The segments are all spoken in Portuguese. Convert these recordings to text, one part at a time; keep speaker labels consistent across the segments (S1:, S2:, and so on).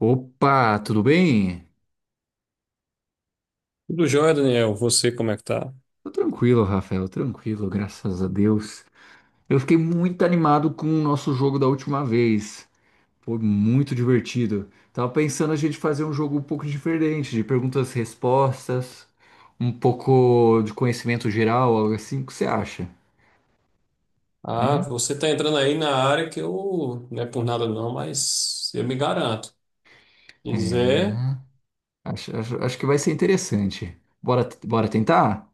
S1: Opa, tudo bem?
S2: Tudo jóia, Daniel. Você, como é que tá?
S1: Tô tranquilo, Rafael, tranquilo, graças a Deus. Eu fiquei muito animado com o nosso jogo da última vez. Foi muito divertido. Tava pensando a gente fazer um jogo um pouco diferente, de perguntas e respostas, um pouco de conhecimento geral, algo assim. O que você acha?
S2: Ah,
S1: Hum?
S2: você tá entrando aí na área que eu, não é por nada não, mas eu me garanto.
S1: É,
S2: Quiser,
S1: acho, acho- acho que vai ser interessante. Bora, bora tentar?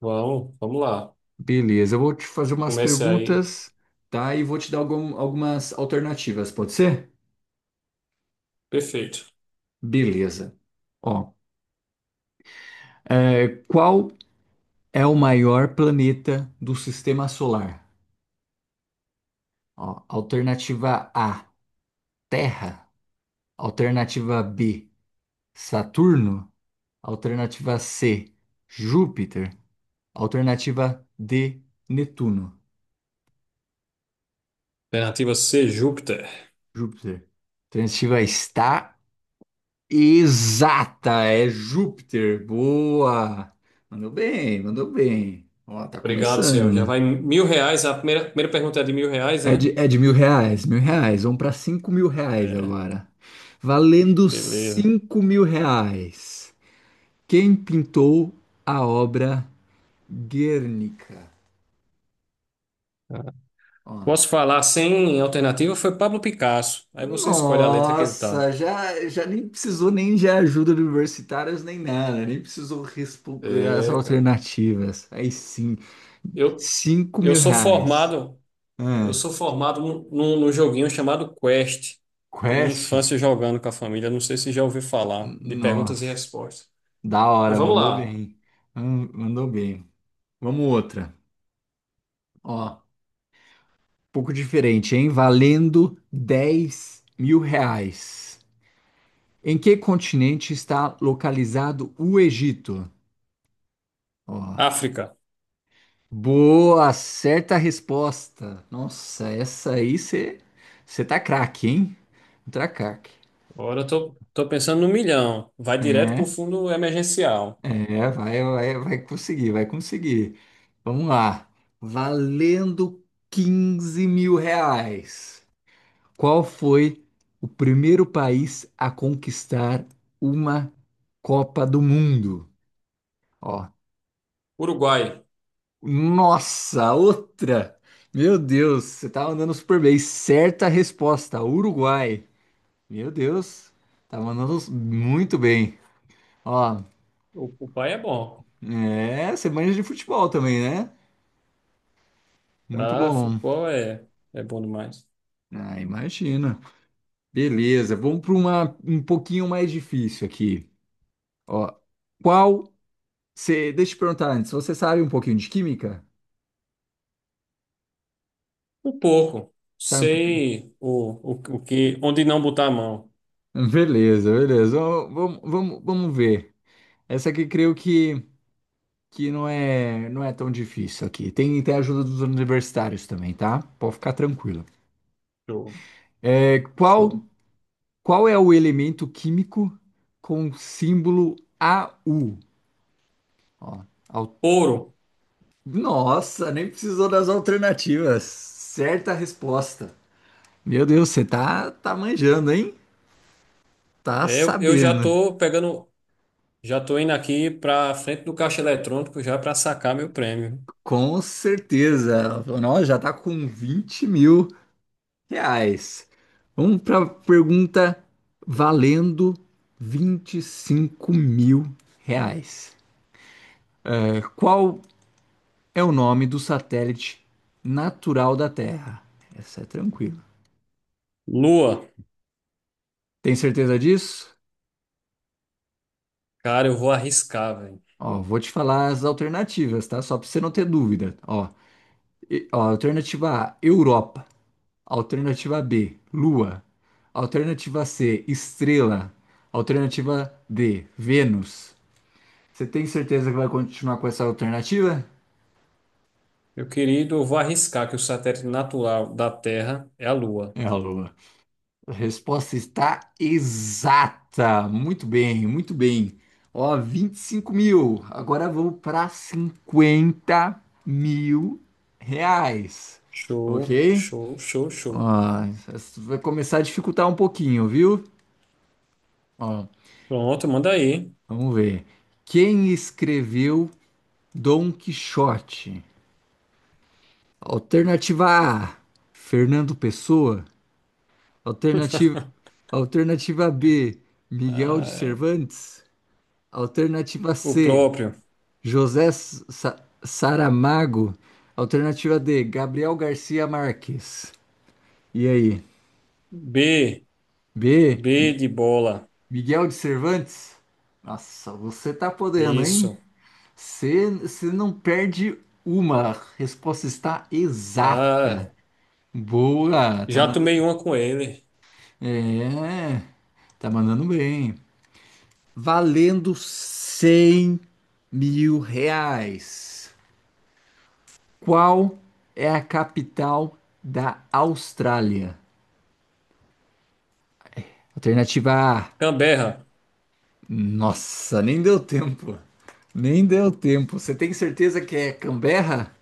S2: vamos, vamos lá.
S1: Beleza, eu vou te fazer umas
S2: Comece aí.
S1: perguntas, tá? E vou te dar algumas alternativas, pode ser?
S2: Perfeito.
S1: Beleza. Ó, é, qual é o maior planeta do sistema solar? Ó, alternativa A, Terra. Alternativa B, Saturno. Alternativa C, Júpiter. Alternativa D, Netuno.
S2: Alternativa C, Júpiter.
S1: Júpiter. Alternativa está exata, é Júpiter. Boa! Mandou bem, mandou bem. Ó, tá
S2: Obrigado, senhor. Já
S1: começando.
S2: vai mil reais. A primeira pergunta é de mil reais,
S1: É de,
S2: né?
S1: é de R$ 1.000, mil reais. Vamos para R$ 5.000
S2: É,
S1: agora. Valendo
S2: beleza.
S1: R$ 5.000. Quem pintou a obra Guernica?
S2: Tá.
S1: Ó.
S2: Posso falar sem alternativa? Foi Pablo Picasso. Aí você escolhe a letra que ele tá.
S1: Nossa, já, já nem precisou nem de ajuda de universitários nem nada, nem precisou responder as
S2: É, cara.
S1: alternativas. Aí sim,
S2: Eu,
S1: cinco
S2: eu
S1: mil
S2: sou
S1: reais.
S2: formado, eu
S1: Ah,
S2: sou formado num joguinho chamado Quest. Da minha
S1: Quest?
S2: infância jogando com a família. Não sei se já ouviu falar de perguntas e
S1: Nossa,
S2: respostas.
S1: da
S2: Mas
S1: hora,
S2: vamos
S1: mandou
S2: lá.
S1: bem. Ah, mandou bem. Vamos outra. Ó, pouco diferente, hein? Valendo R$ 10.000. Em que continente está localizado o Egito? Ó,
S2: África.
S1: boa, certa resposta. Nossa, essa aí você tá craque, hein? Tá craque.
S2: Agora eu tô pensando no milhão. Vai direto pro
S1: É,
S2: fundo emergencial.
S1: é, vai, vai, vai conseguir, vai conseguir. Vamos lá. Valendo R$ 15.000. Qual foi o primeiro país a conquistar uma Copa do Mundo? Ó,
S2: Uruguai.
S1: nossa, outra! Meu Deus, você tá mandando super bem. Certa resposta, Uruguai. Meu Deus, tá mandando muito bem. Ó,
S2: O pai é bom.
S1: é, você manja de futebol também, né? Muito
S2: Ah,
S1: bom.
S2: futebol é bom demais.
S1: Ah, imagina. Beleza, vamos para uma um pouquinho mais difícil aqui. Ó, qual Você, deixa eu te perguntar antes, você sabe um pouquinho de química?
S2: Um pouco.
S1: Sabe um pouquinho?
S2: Sei o que, onde não botar a mão.
S1: Beleza, beleza. Vamos, vamos, vamos ver. Essa aqui creio que não é, não é tão difícil aqui. Tem, tem a ajuda dos universitários também, tá? Pode ficar tranquilo.
S2: Show,
S1: É, qual,
S2: show.
S1: qual é o elemento químico com símbolo AU? Ó, al-
S2: Ouro.
S1: Nossa, nem precisou das alternativas. Certa resposta. Meu Deus, você tá manjando, hein? Tá
S2: É, eu já
S1: sabendo.
S2: tô pegando, já tô indo aqui pra frente do caixa eletrônico já pra sacar meu prêmio.
S1: Com certeza. Ela falou, nossa, já tá com R$ 20.000. Vamos para pergunta valendo R$ 25.000. É, qual é o nome do satélite natural da Terra? Essa é tranquila.
S2: Lua.
S1: Tem certeza disso?
S2: Cara, eu vou arriscar, velho.
S1: Ó, vou te falar as alternativas, tá? Só para você não ter dúvida. Ó, alternativa A, Europa. Alternativa B, Lua. Alternativa C, Estrela. Alternativa D, Vênus. Você tem certeza que vai continuar com essa alternativa?
S2: Meu querido, eu vou arriscar que o satélite natural da Terra é a Lua.
S1: É a Lua. A resposta está exata. Muito bem, muito bem. Ó, 25.000. Agora vamos para R$ 50.000.
S2: Show,
S1: Ok?
S2: show, show, show.
S1: Ó, isso vai começar a dificultar um pouquinho, viu? Ó,
S2: Pronto, manda aí.
S1: vamos ver. Quem escreveu Dom Quixote. Alternativa A, Fernando Pessoa. Alternativa, alternativa B, Miguel de
S2: Ah,
S1: Cervantes. Alternativa
S2: o
S1: C,
S2: próprio.
S1: José Saramago. Alternativa D, Gabriel Garcia Marques. E aí?
S2: B,
S1: B,
S2: B
S1: Mi-
S2: de bola.
S1: Miguel de Cervantes? Nossa, você tá podendo, hein?
S2: Isso.
S1: Você não perde uma. A resposta está exata.
S2: Ah,
S1: Boa, tá
S2: já tomei
S1: mandando.
S2: uma com ele.
S1: É, tá mandando bem. Valendo R$ 100.000. Qual é a capital da Austrália? Alternativa A.
S2: Camberra.
S1: Nossa, nem deu tempo. Nem deu tempo. Você tem certeza que é Canberra?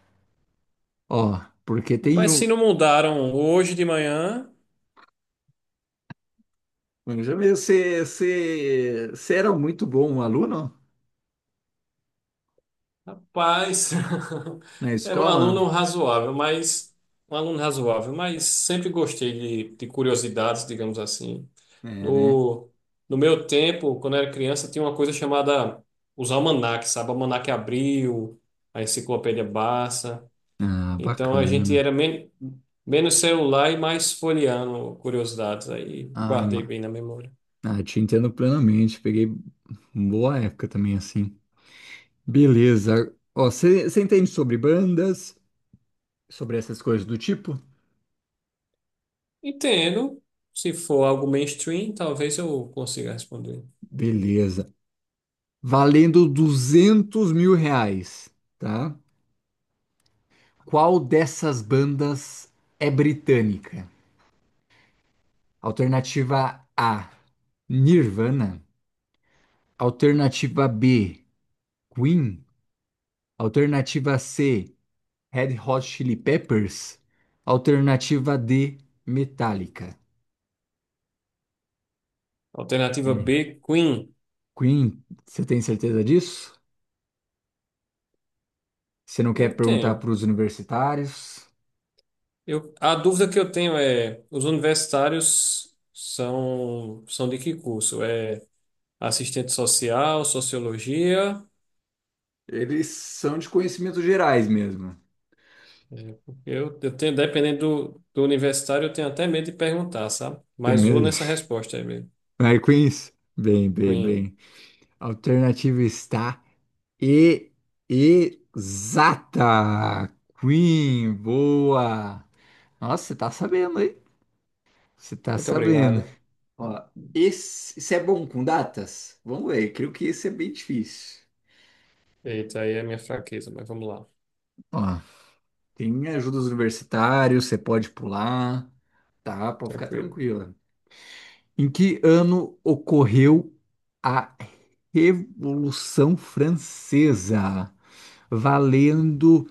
S1: Ó, porque tem
S2: Rapaz, se
S1: um.
S2: não mudaram hoje de manhã,
S1: Já viu, você era muito bom aluno
S2: rapaz,
S1: na
S2: era um aluno
S1: escola?
S2: razoável, mas um aluno razoável, mas sempre gostei de curiosidades, digamos assim.
S1: É, né?
S2: No, no meu tempo, quando eu era criança, tinha uma coisa chamada os almanaques, sabe? O Almanaque Abril, a Enciclopédia Barça.
S1: Ah,
S2: Então a gente
S1: bacana.
S2: era menos celular e mais folheando curiosidades. Aí guardei
S1: Ai,
S2: bem na memória.
S1: ah, te entendo plenamente. Peguei boa época também, assim. Beleza. Ó, você entende sobre bandas, sobre essas coisas do tipo?
S2: Entendo. Se for algo mainstream, talvez eu consiga responder.
S1: Beleza. Valendo R$ 200.000, tá? Qual dessas bandas é britânica? Alternativa A, Nirvana. Alternativa B, Queen. Alternativa C, Red Hot Chili Peppers. Alternativa D, Metallica.
S2: Alternativa
S1: É.
S2: B, Queen.
S1: Queen, você tem certeza disso? Você não
S2: Eu
S1: quer perguntar para
S2: tenho.
S1: os universitários?
S2: Eu, a dúvida que eu tenho é: os universitários são de que curso? É. Assistente social, sociologia.
S1: Eles são de conhecimentos gerais mesmo.
S2: É, porque eu tenho, dependendo do universitário, eu tenho até medo de perguntar, sabe? Mas vou
S1: Também.
S2: nessa resposta aí mesmo.
S1: Mary Queens? Bem, bem,
S2: Queen,
S1: bem. A alternativa está e exata. Queen, boa. Nossa, você tá sabendo, hein? Você tá
S2: muito
S1: sabendo.
S2: obrigado.
S1: Ó, isso é bom com datas? Vamos ver, creio que isso é bem difícil.
S2: Eita, aí é a minha fraqueza, mas vamos lá,
S1: Ó, tem ajuda dos universitários, você pode pular. Tá, pode ficar
S2: tranquilo.
S1: tranquila. Em que ano ocorreu a Revolução Francesa, valendo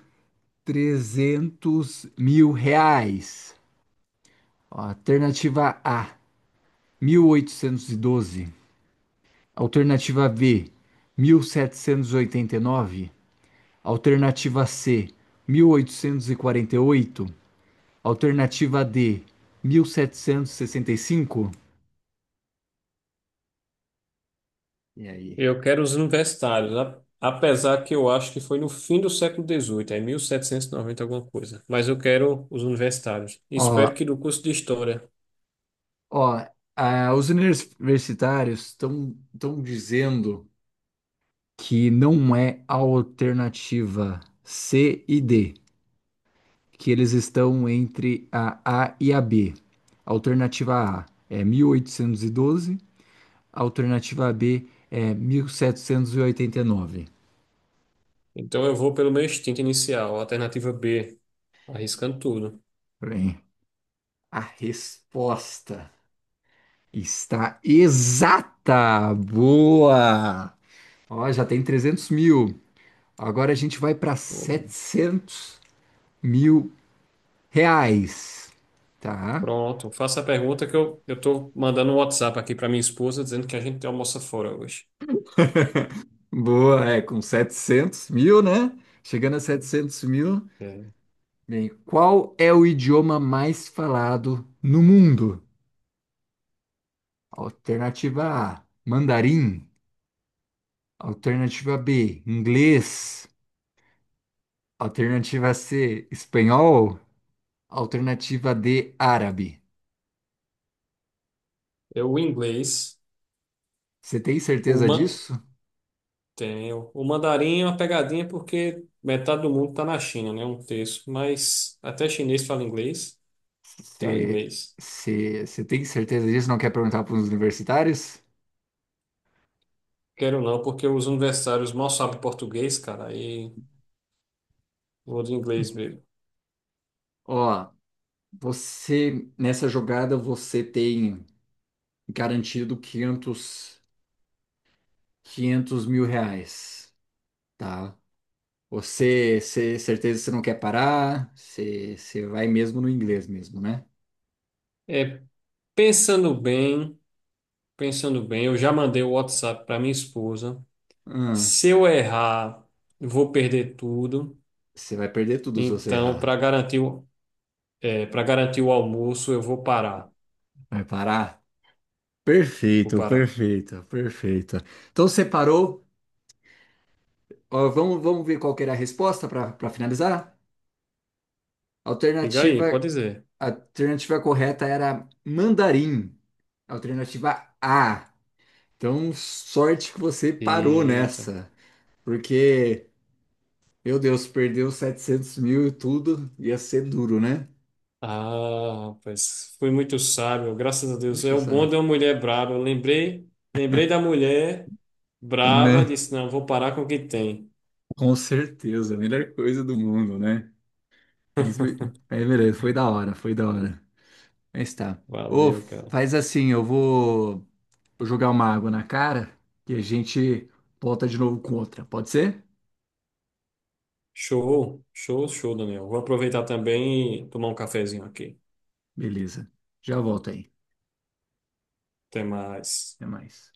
S1: R$ 300.000? Alternativa A, 1812. Alternativa B, mil setecentos e oitenta e nove. Alternativa C, mil oitocentos e quarenta e oito. Alternativa D, 1765. E sessenta e cinco. E aí?
S2: Eu quero os universitários, apesar que eu acho que foi no fim do século XVIII, é 1790 alguma coisa. Mas eu quero os universitários. Espero
S1: Ó,
S2: que do curso de História.
S1: ó, ah, os universitários estão dizendo que não é a alternativa C e D, que eles estão entre a A e a B. Alternativa A é 1812, alternativa B é mil setecentos e oitenta e nove.
S2: Então eu vou pelo meu instinto inicial, alternativa B, arriscando tudo.
S1: Bem, a resposta está exata! Boa! Ó, já tem 300.000. Agora a gente vai para setecentos mil reais, tá?
S2: Pronto, faça a pergunta que eu tô mandando um WhatsApp aqui para minha esposa dizendo que a gente tem almoça fora hoje.
S1: Boa, é, com 700.000, né? Chegando a 700.000.
S2: É,
S1: Bem, qual é o idioma mais falado no mundo? Alternativa A, mandarim. Alternativa B, inglês. Alternativa C, espanhol. Alternativa D, árabe.
S2: é o inglês,
S1: Você tem
S2: o,
S1: certeza
S2: man,
S1: disso?
S2: tem, o mandarim é uma pegadinha porque metade do mundo está na China, né? Um terço, mas até chinês fala inglês, então é
S1: Você
S2: inglês.
S1: você tem certeza disso? Não quer perguntar para os universitários?
S2: Quero não, porque os universitários mal sabem português, cara, aí vou de inglês mesmo.
S1: Ó, você, nessa jogada, você tem garantido 500 500 mil reais, tá? Você, certeza que você não quer parar, você vai mesmo no inglês mesmo, né?
S2: É, pensando bem, pensando bem, eu já mandei o WhatsApp para minha esposa.
S1: Ah,
S2: Se eu errar, eu vou perder tudo.
S1: você vai perder tudo se você
S2: Então, para
S1: errar.
S2: garantir, é, para garantir o almoço, eu vou parar.
S1: Vai parar?
S2: Vou
S1: Perfeito,
S2: parar.
S1: perfeito, perfeito. Então, você parou. Ó, vamos, vamos ver qual que era a resposta para finalizar?
S2: Diga aí,
S1: Alternativa,
S2: pode dizer.
S1: a alternativa correta era mandarim. Alternativa A. Então, sorte que você parou
S2: Eita.
S1: nessa, porque, meu Deus, perdeu 700.000 e tudo, ia ser duro, né?
S2: Ah, rapaz, fui muito sábio, graças a Deus. É
S1: Muito
S2: o bom
S1: essa...
S2: de uma mulher braba. Eu lembrei da mulher braba,
S1: Né?
S2: disse, não, vou parar com o que tem.
S1: Com certeza, a melhor coisa do mundo, né? Mas, aí, beleza, foi da hora, foi da hora. Mas tá. Ô,
S2: Valeu, cara.
S1: faz assim, eu vou jogar uma água na cara e a gente volta de novo com outra, pode ser?
S2: Show, show, show, Daniel. Vou aproveitar também e tomar um cafezinho aqui.
S1: Beleza, já volto aí,
S2: Até mais.
S1: até mais.